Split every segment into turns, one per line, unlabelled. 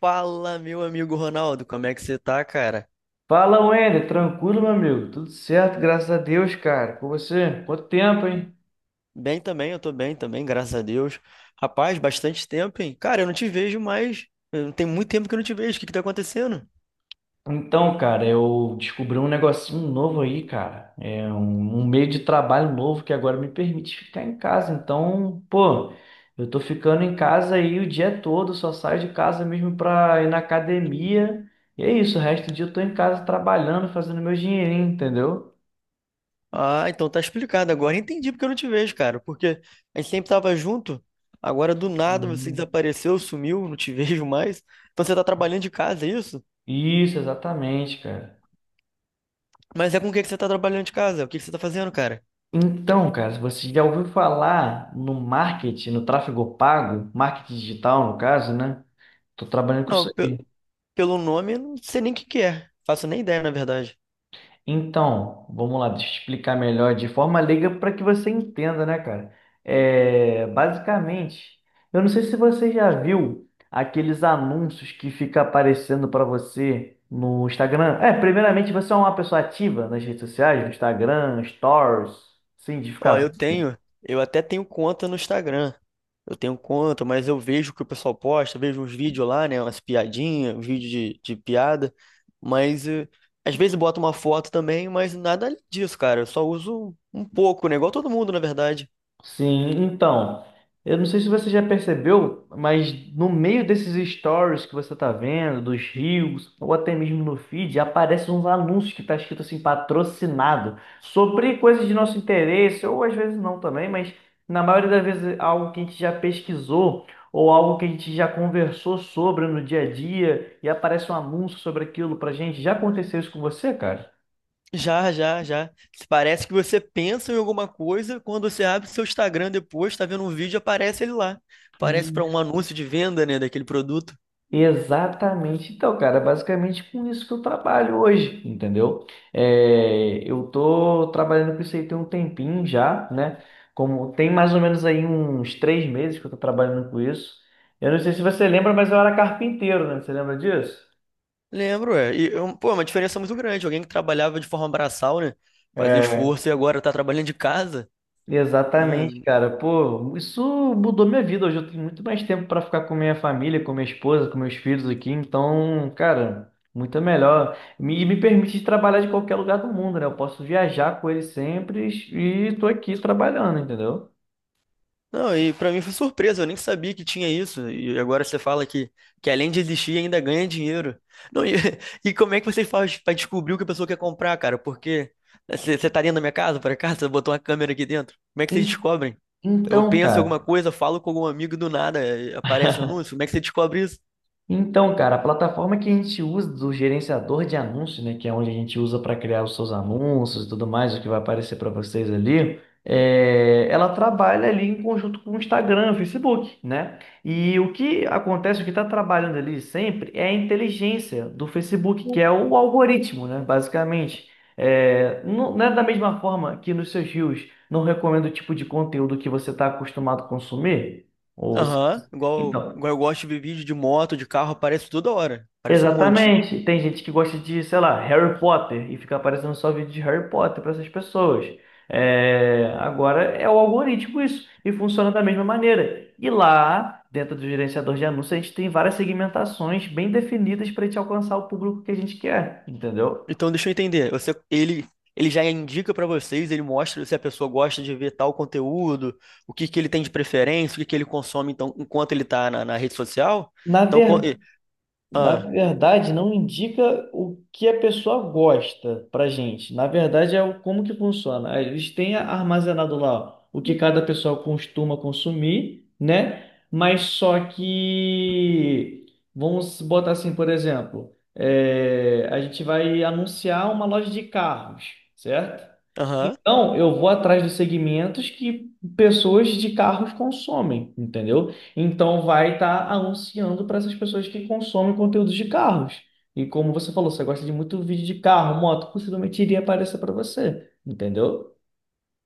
Fala, meu amigo Ronaldo, como é que você tá, cara?
Fala, Wender, tranquilo, meu amigo? Tudo certo, graças a Deus, cara. Com você? Quanto tempo, hein?
Bem também, eu tô bem também, graças a Deus. Rapaz, bastante tempo, hein? Cara, eu não te vejo mais. Tem muito tempo que eu não te vejo. O que que tá acontecendo?
Então, cara, eu descobri um negocinho novo aí, cara. É um meio de trabalho novo que agora me permite ficar em casa. Então, pô, eu tô ficando em casa aí o dia todo, só saio de casa mesmo pra ir na academia. E é isso, o resto do dia eu tô em casa trabalhando, fazendo meu dinheirinho, entendeu?
Ah, então tá explicado agora. Entendi porque eu não te vejo, cara. Porque a gente sempre tava junto. Agora do nada você
Uhum.
desapareceu, sumiu, não te vejo mais. Então você tá trabalhando de casa, é isso?
Isso, exatamente, cara.
Mas é com o que que você tá trabalhando de casa? O que que você tá fazendo, cara?
Então, cara, você já ouviu falar no marketing, no tráfego pago, marketing digital, no caso, né? Tô trabalhando com
Não,
isso aí.
pelo nome, eu não sei nem o que que é. Faço nem ideia, na verdade.
Então, vamos lá, deixa eu explicar melhor de forma leiga para que você entenda, né, cara? É, basicamente, eu não sei se você já viu aqueles anúncios que fica aparecendo para você no Instagram. É, primeiramente, você é uma pessoa ativa nas redes sociais, no Instagram, Stories, sim, de
Ó,
ficar.
eu até tenho conta no Instagram. Eu tenho conta, mas eu vejo o que o pessoal posta, vejo uns vídeos lá, né? Umas piadinhas, uns vídeos de piada. Mas às vezes boto uma foto também, mas nada além disso, cara. Eu só uso um pouco, né? Igual todo mundo, na verdade.
Sim, então, eu não sei se você já percebeu, mas no meio desses stories que você tá vendo, dos reels, ou até mesmo no feed, aparecem uns anúncios que tá escrito assim, patrocinado, sobre coisas de nosso interesse, ou às vezes não também, mas na maioria das vezes é algo que a gente já pesquisou, ou algo que a gente já conversou sobre no dia a dia, e aparece um anúncio sobre aquilo pra gente. Já aconteceu isso com você, cara?
Já, já, já. Parece que você pensa em alguma coisa, quando você abre seu Instagram depois, tá vendo um vídeo, aparece ele lá. Parece para um anúncio de venda, né, daquele produto.
Exatamente. Então, cara, é basicamente com isso que eu trabalho hoje, entendeu? É, eu tô trabalhando com isso aí tem um tempinho já, né? Como tem mais ou menos aí uns 3 meses que eu tô trabalhando com isso. Eu não sei se você lembra, mas eu era carpinteiro, né? Você lembra disso?
Lembro, é. E, pô, é uma diferença muito grande. Alguém que trabalhava de forma braçal, né? Fazia
É.
esforço e agora tá trabalhando de casa. É.
Exatamente, cara. Pô, isso mudou minha vida. Hoje eu tenho muito mais tempo para ficar com minha família, com minha esposa, com meus filhos aqui. Então, cara, muito melhor. E me permite trabalhar de qualquer lugar do mundo, né? Eu posso viajar com eles sempre e tô aqui trabalhando, entendeu?
Não, e pra mim foi surpresa, eu nem sabia que tinha isso. E agora você fala que além de existir, ainda ganha dinheiro. Não, e, e como é que você faz pra descobrir o que a pessoa quer comprar, cara? Porque né, você tá dentro da minha casa, por acaso? Você botou uma câmera aqui dentro? Como é que vocês
En-
descobrem? Eu
Então,
penso em alguma
cara.
coisa, falo com algum amigo e do nada, aparece um anúncio. Como é que você descobre isso?
Então, cara, a plataforma que a gente usa do gerenciador de anúncios, né, que é onde a gente usa para criar os seus anúncios e tudo mais, o que vai aparecer para vocês ali, é, ela trabalha ali em conjunto com o Instagram, o Facebook, né? E o que acontece, o que está trabalhando ali sempre é a inteligência do Facebook, que é o algoritmo, né, basicamente. É, não, não é da mesma forma que nos seus reels não recomenda o tipo de conteúdo que você está acostumado a consumir? Ou
Aham, igual,
então,
igual eu gosto de ver vídeo de moto, de carro, aparece toda hora. Aparece um monte.
exatamente. Tem gente que gosta de, sei lá, Harry Potter e fica aparecendo só vídeo de Harry Potter para essas pessoas. É, agora é o algoritmo isso e funciona da mesma maneira. E lá, dentro do gerenciador de anúncios, a gente tem várias segmentações bem definidas para a gente alcançar o público que a gente quer, entendeu?
Então deixa eu entender. Ele já indica pra vocês, ele mostra se a pessoa gosta de ver tal conteúdo, o que que ele tem de preferência, o que que ele consome então enquanto ele tá na rede social.
Na
Então,
verdade Na
ah,
verdade, não indica o que a pessoa gosta para gente. Na verdade, é o como que funciona. Eles têm armazenado lá o que cada pessoa costuma consumir, né? Mas só que vamos botar assim, por exemplo, é, a gente vai anunciar uma loja de carros, certo?
aham.
Então, eu vou atrás dos segmentos que pessoas de carros consomem, entendeu? Então, vai estar anunciando para essas pessoas que consomem conteúdos de carros. E como você falou, você gosta de muito vídeo de carro, moto, possivelmente iria aparecer para você, entendeu?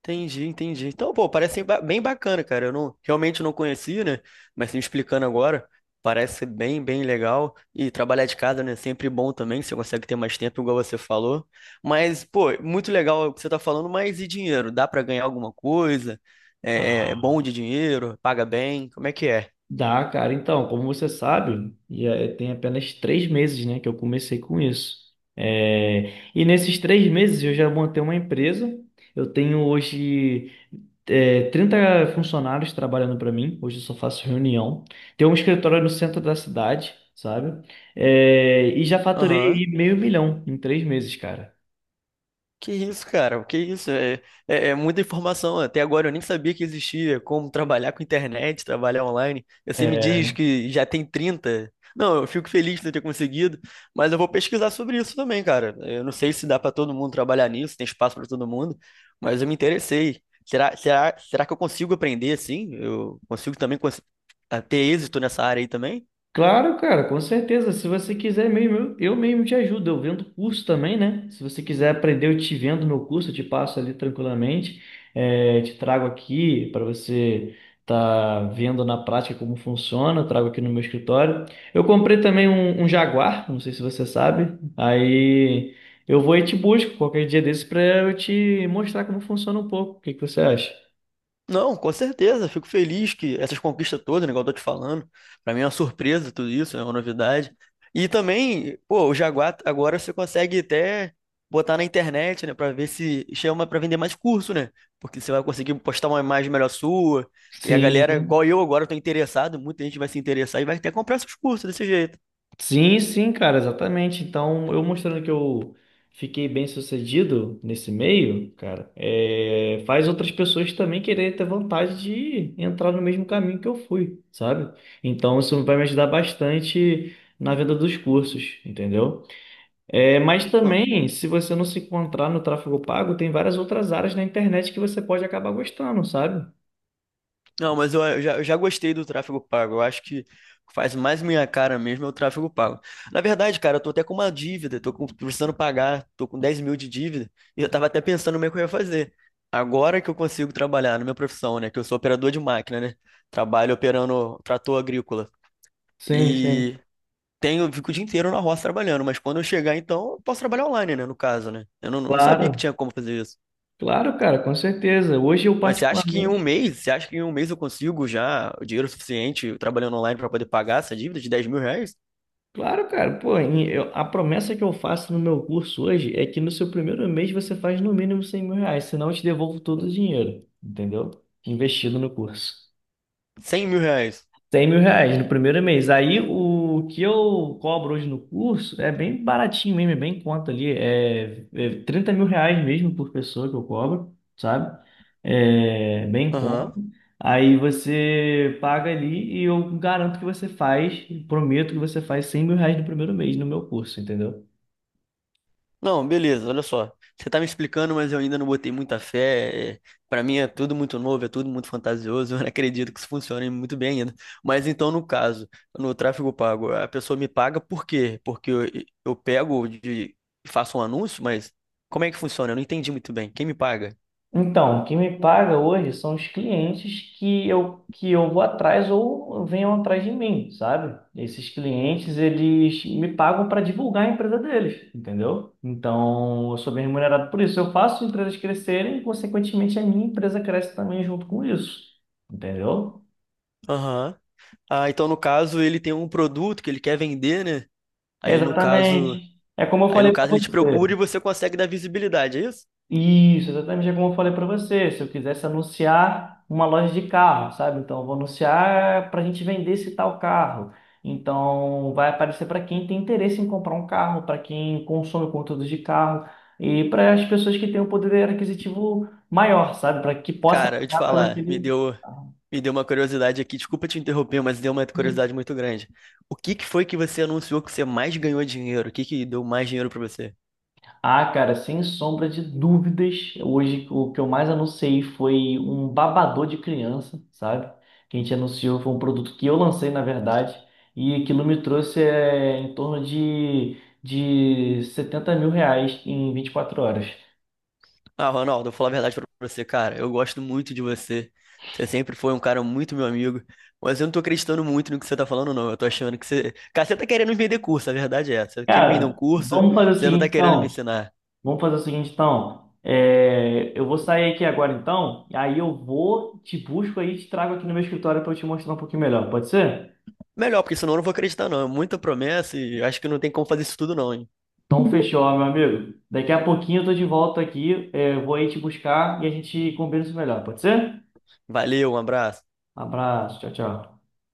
Entendi, entendi. Então, pô, parece ser bem bacana, cara. Eu não, realmente não conhecia, né? Mas me explicando agora, parece ser bem, bem legal. E trabalhar de casa, né? Sempre bom também, você consegue ter mais tempo, igual você falou. Mas, pô, muito legal o que você tá falando, mas e dinheiro? Dá pra ganhar alguma coisa? É, é
Ah,
bom de dinheiro? Paga bem? Como é que é?
dá, cara. Então, como você sabe, e, tem apenas 3 meses, né, que eu comecei com isso. É, e nesses 3 meses eu já montei uma empresa. Eu tenho hoje é, 30 funcionários trabalhando para mim. Hoje eu só faço reunião. Tem um escritório no centro da cidade, sabe? É, e já faturei
Aham.
aí meio milhão em 3 meses, cara.
Que isso, cara? Que isso? É muita informação. Até agora eu nem sabia que existia como trabalhar com internet, trabalhar online. Você me
É,
diz que já tem 30. Não, eu fico feliz de ter conseguido, mas eu vou pesquisar sobre isso também, cara. Eu não sei se dá para todo mundo trabalhar nisso, tem espaço para todo mundo, mas eu me interessei. Será que eu consigo aprender assim? Eu consigo também a ter êxito nessa área aí também?
claro, cara, com certeza. Se você quiser mesmo, eu mesmo te ajudo. Eu vendo curso também, né? Se você quiser aprender, eu te vendo meu curso, eu te passo ali tranquilamente. É, te trago aqui para você tá vendo na prática como funciona. Eu trago aqui no meu escritório. Eu comprei também um Jaguar, não sei se você sabe. Aí eu vou e te busco qualquer dia desse para eu te mostrar como funciona um pouco. O que que você acha?
Não, com certeza. Fico feliz que essas conquistas todas, né, igual eu tô te falando, pra mim é uma surpresa tudo isso, é uma novidade. E também, pô, o Jaguar agora você consegue até botar na internet, né? Pra ver se chama pra vender mais curso, né? Porque você vai conseguir postar uma imagem melhor sua e a galera,
Sim.
igual eu agora, eu tô interessado, muita gente vai se interessar e vai até comprar seus cursos desse jeito.
Sim, sim, cara, exatamente. Então, eu mostrando que eu fiquei bem sucedido nesse meio, cara, é, faz outras pessoas também quererem ter vontade de entrar no mesmo caminho que eu fui, sabe? Então, isso vai me ajudar bastante na venda dos cursos, entendeu? É, mas também, se você não se encontrar no tráfego pago, tem várias outras áreas na internet que você pode acabar gostando, sabe?
Não, mas eu já gostei do tráfego pago. Eu acho que o que faz mais minha cara mesmo é o tráfego pago. Na verdade, cara, eu tô até com uma dívida, precisando pagar, tô com 10.000 de dívida, e eu tava até pensando no que eu ia fazer. Agora que eu consigo trabalhar na minha profissão, né? Que eu sou operador de máquina, né? Trabalho operando trator agrícola.
Sim, sim.
E eu fico o dia inteiro na roça trabalhando, mas quando eu chegar, então, eu posso trabalhar online, né? No caso, né? Eu não sabia que
Claro,
tinha como fazer isso.
claro, cara, com certeza. Hoje eu
Mas
particularmente.
você acha que em um mês eu consigo já o dinheiro suficiente trabalhando online para poder pagar essa dívida de 10.000 reais?
Claro, cara, pô, a promessa que eu faço no meu curso hoje é que no seu primeiro mês você faz no mínimo R$ 100.000, senão eu te devolvo todo o dinheiro, entendeu? Investido no curso
100.000 reais?
R$ 100.000 no primeiro mês. Aí o que eu cobro hoje no curso é bem baratinho mesmo, é bem em conta ali. É 30 mil reais mesmo por pessoa que eu cobro, sabe? É bem em conta.
Aham.
Aí você paga ali e eu garanto que você faz, prometo que você faz R$ 100.000 no primeiro mês no meu curso, entendeu?
Não, beleza, olha só. Você tá me explicando, mas eu ainda não botei muita fé. Pra mim é tudo muito novo, é tudo muito fantasioso. Eu não acredito que isso funcione muito bem ainda. Mas então, no caso, no tráfego pago, a pessoa me paga por quê? Porque eu pego faço um anúncio, mas como é que funciona? Eu não entendi muito bem. Quem me paga?
Então, o que me paga hoje são os clientes que que eu vou atrás ou venham atrás de mim, sabe? Esses clientes, eles me pagam para divulgar a empresa deles, entendeu? Então, eu sou bem remunerado por isso. Eu faço empresas crescerem e, consequentemente, a minha empresa cresce também junto com isso, entendeu?
Aham. Ah, então no caso ele tem um produto que ele quer vender, né?
É,
Aí no caso,
exatamente. É como eu
aí no
falei para
caso ele te procura
você.
e você consegue dar visibilidade, é isso?
Isso, exatamente é como eu falei para você. Se eu quisesse anunciar uma loja de carro, sabe? Então, eu vou anunciar para a gente vender esse tal carro. Então, vai aparecer para quem tem interesse em comprar um carro, para quem consome conteúdo de carro e para as pessoas que têm um poder aquisitivo maior, sabe? Para que possa
Cara, eu te
pagar pelo
falar, me
aquele
deu,
carro.
me deu uma curiosidade aqui. Desculpa te interromper, mas deu uma curiosidade muito grande. O que que foi que você anunciou que você mais ganhou dinheiro? O que que deu mais dinheiro pra você?
Ah, cara, sem sombra de dúvidas, hoje o que eu mais anunciei foi um babador de criança, sabe? Que a gente anunciou foi um produto que eu lancei, na verdade, e aquilo me trouxe é, em torno de, R$ 70.000 em 24 horas.
Ah, Ronaldo, eu vou falar a verdade pra você, cara. Eu gosto muito de você. Você sempre foi um cara muito meu amigo. Mas eu não tô acreditando muito no que você tá falando, não. Eu tô achando que você. Cara, você tá querendo me vender curso, a verdade é essa. Você quer me vender um
Cara,
curso,
vamos fazer o
você não tá
seguinte
querendo me
então.
ensinar.
Vamos fazer o seguinte então. É, eu vou sair aqui agora então, e aí eu vou, te busco aí e te trago aqui no meu escritório para eu te mostrar um pouquinho melhor, pode ser?
Melhor, porque senão eu não vou acreditar, não. É muita promessa e acho que não tem como fazer isso tudo, não, hein?
Então, fechou, meu amigo. Daqui a pouquinho eu tô de volta aqui. É, vou aí te buscar e a gente combina isso melhor. Pode ser?
Valeu, um abraço.
Abraço. Tchau, tchau.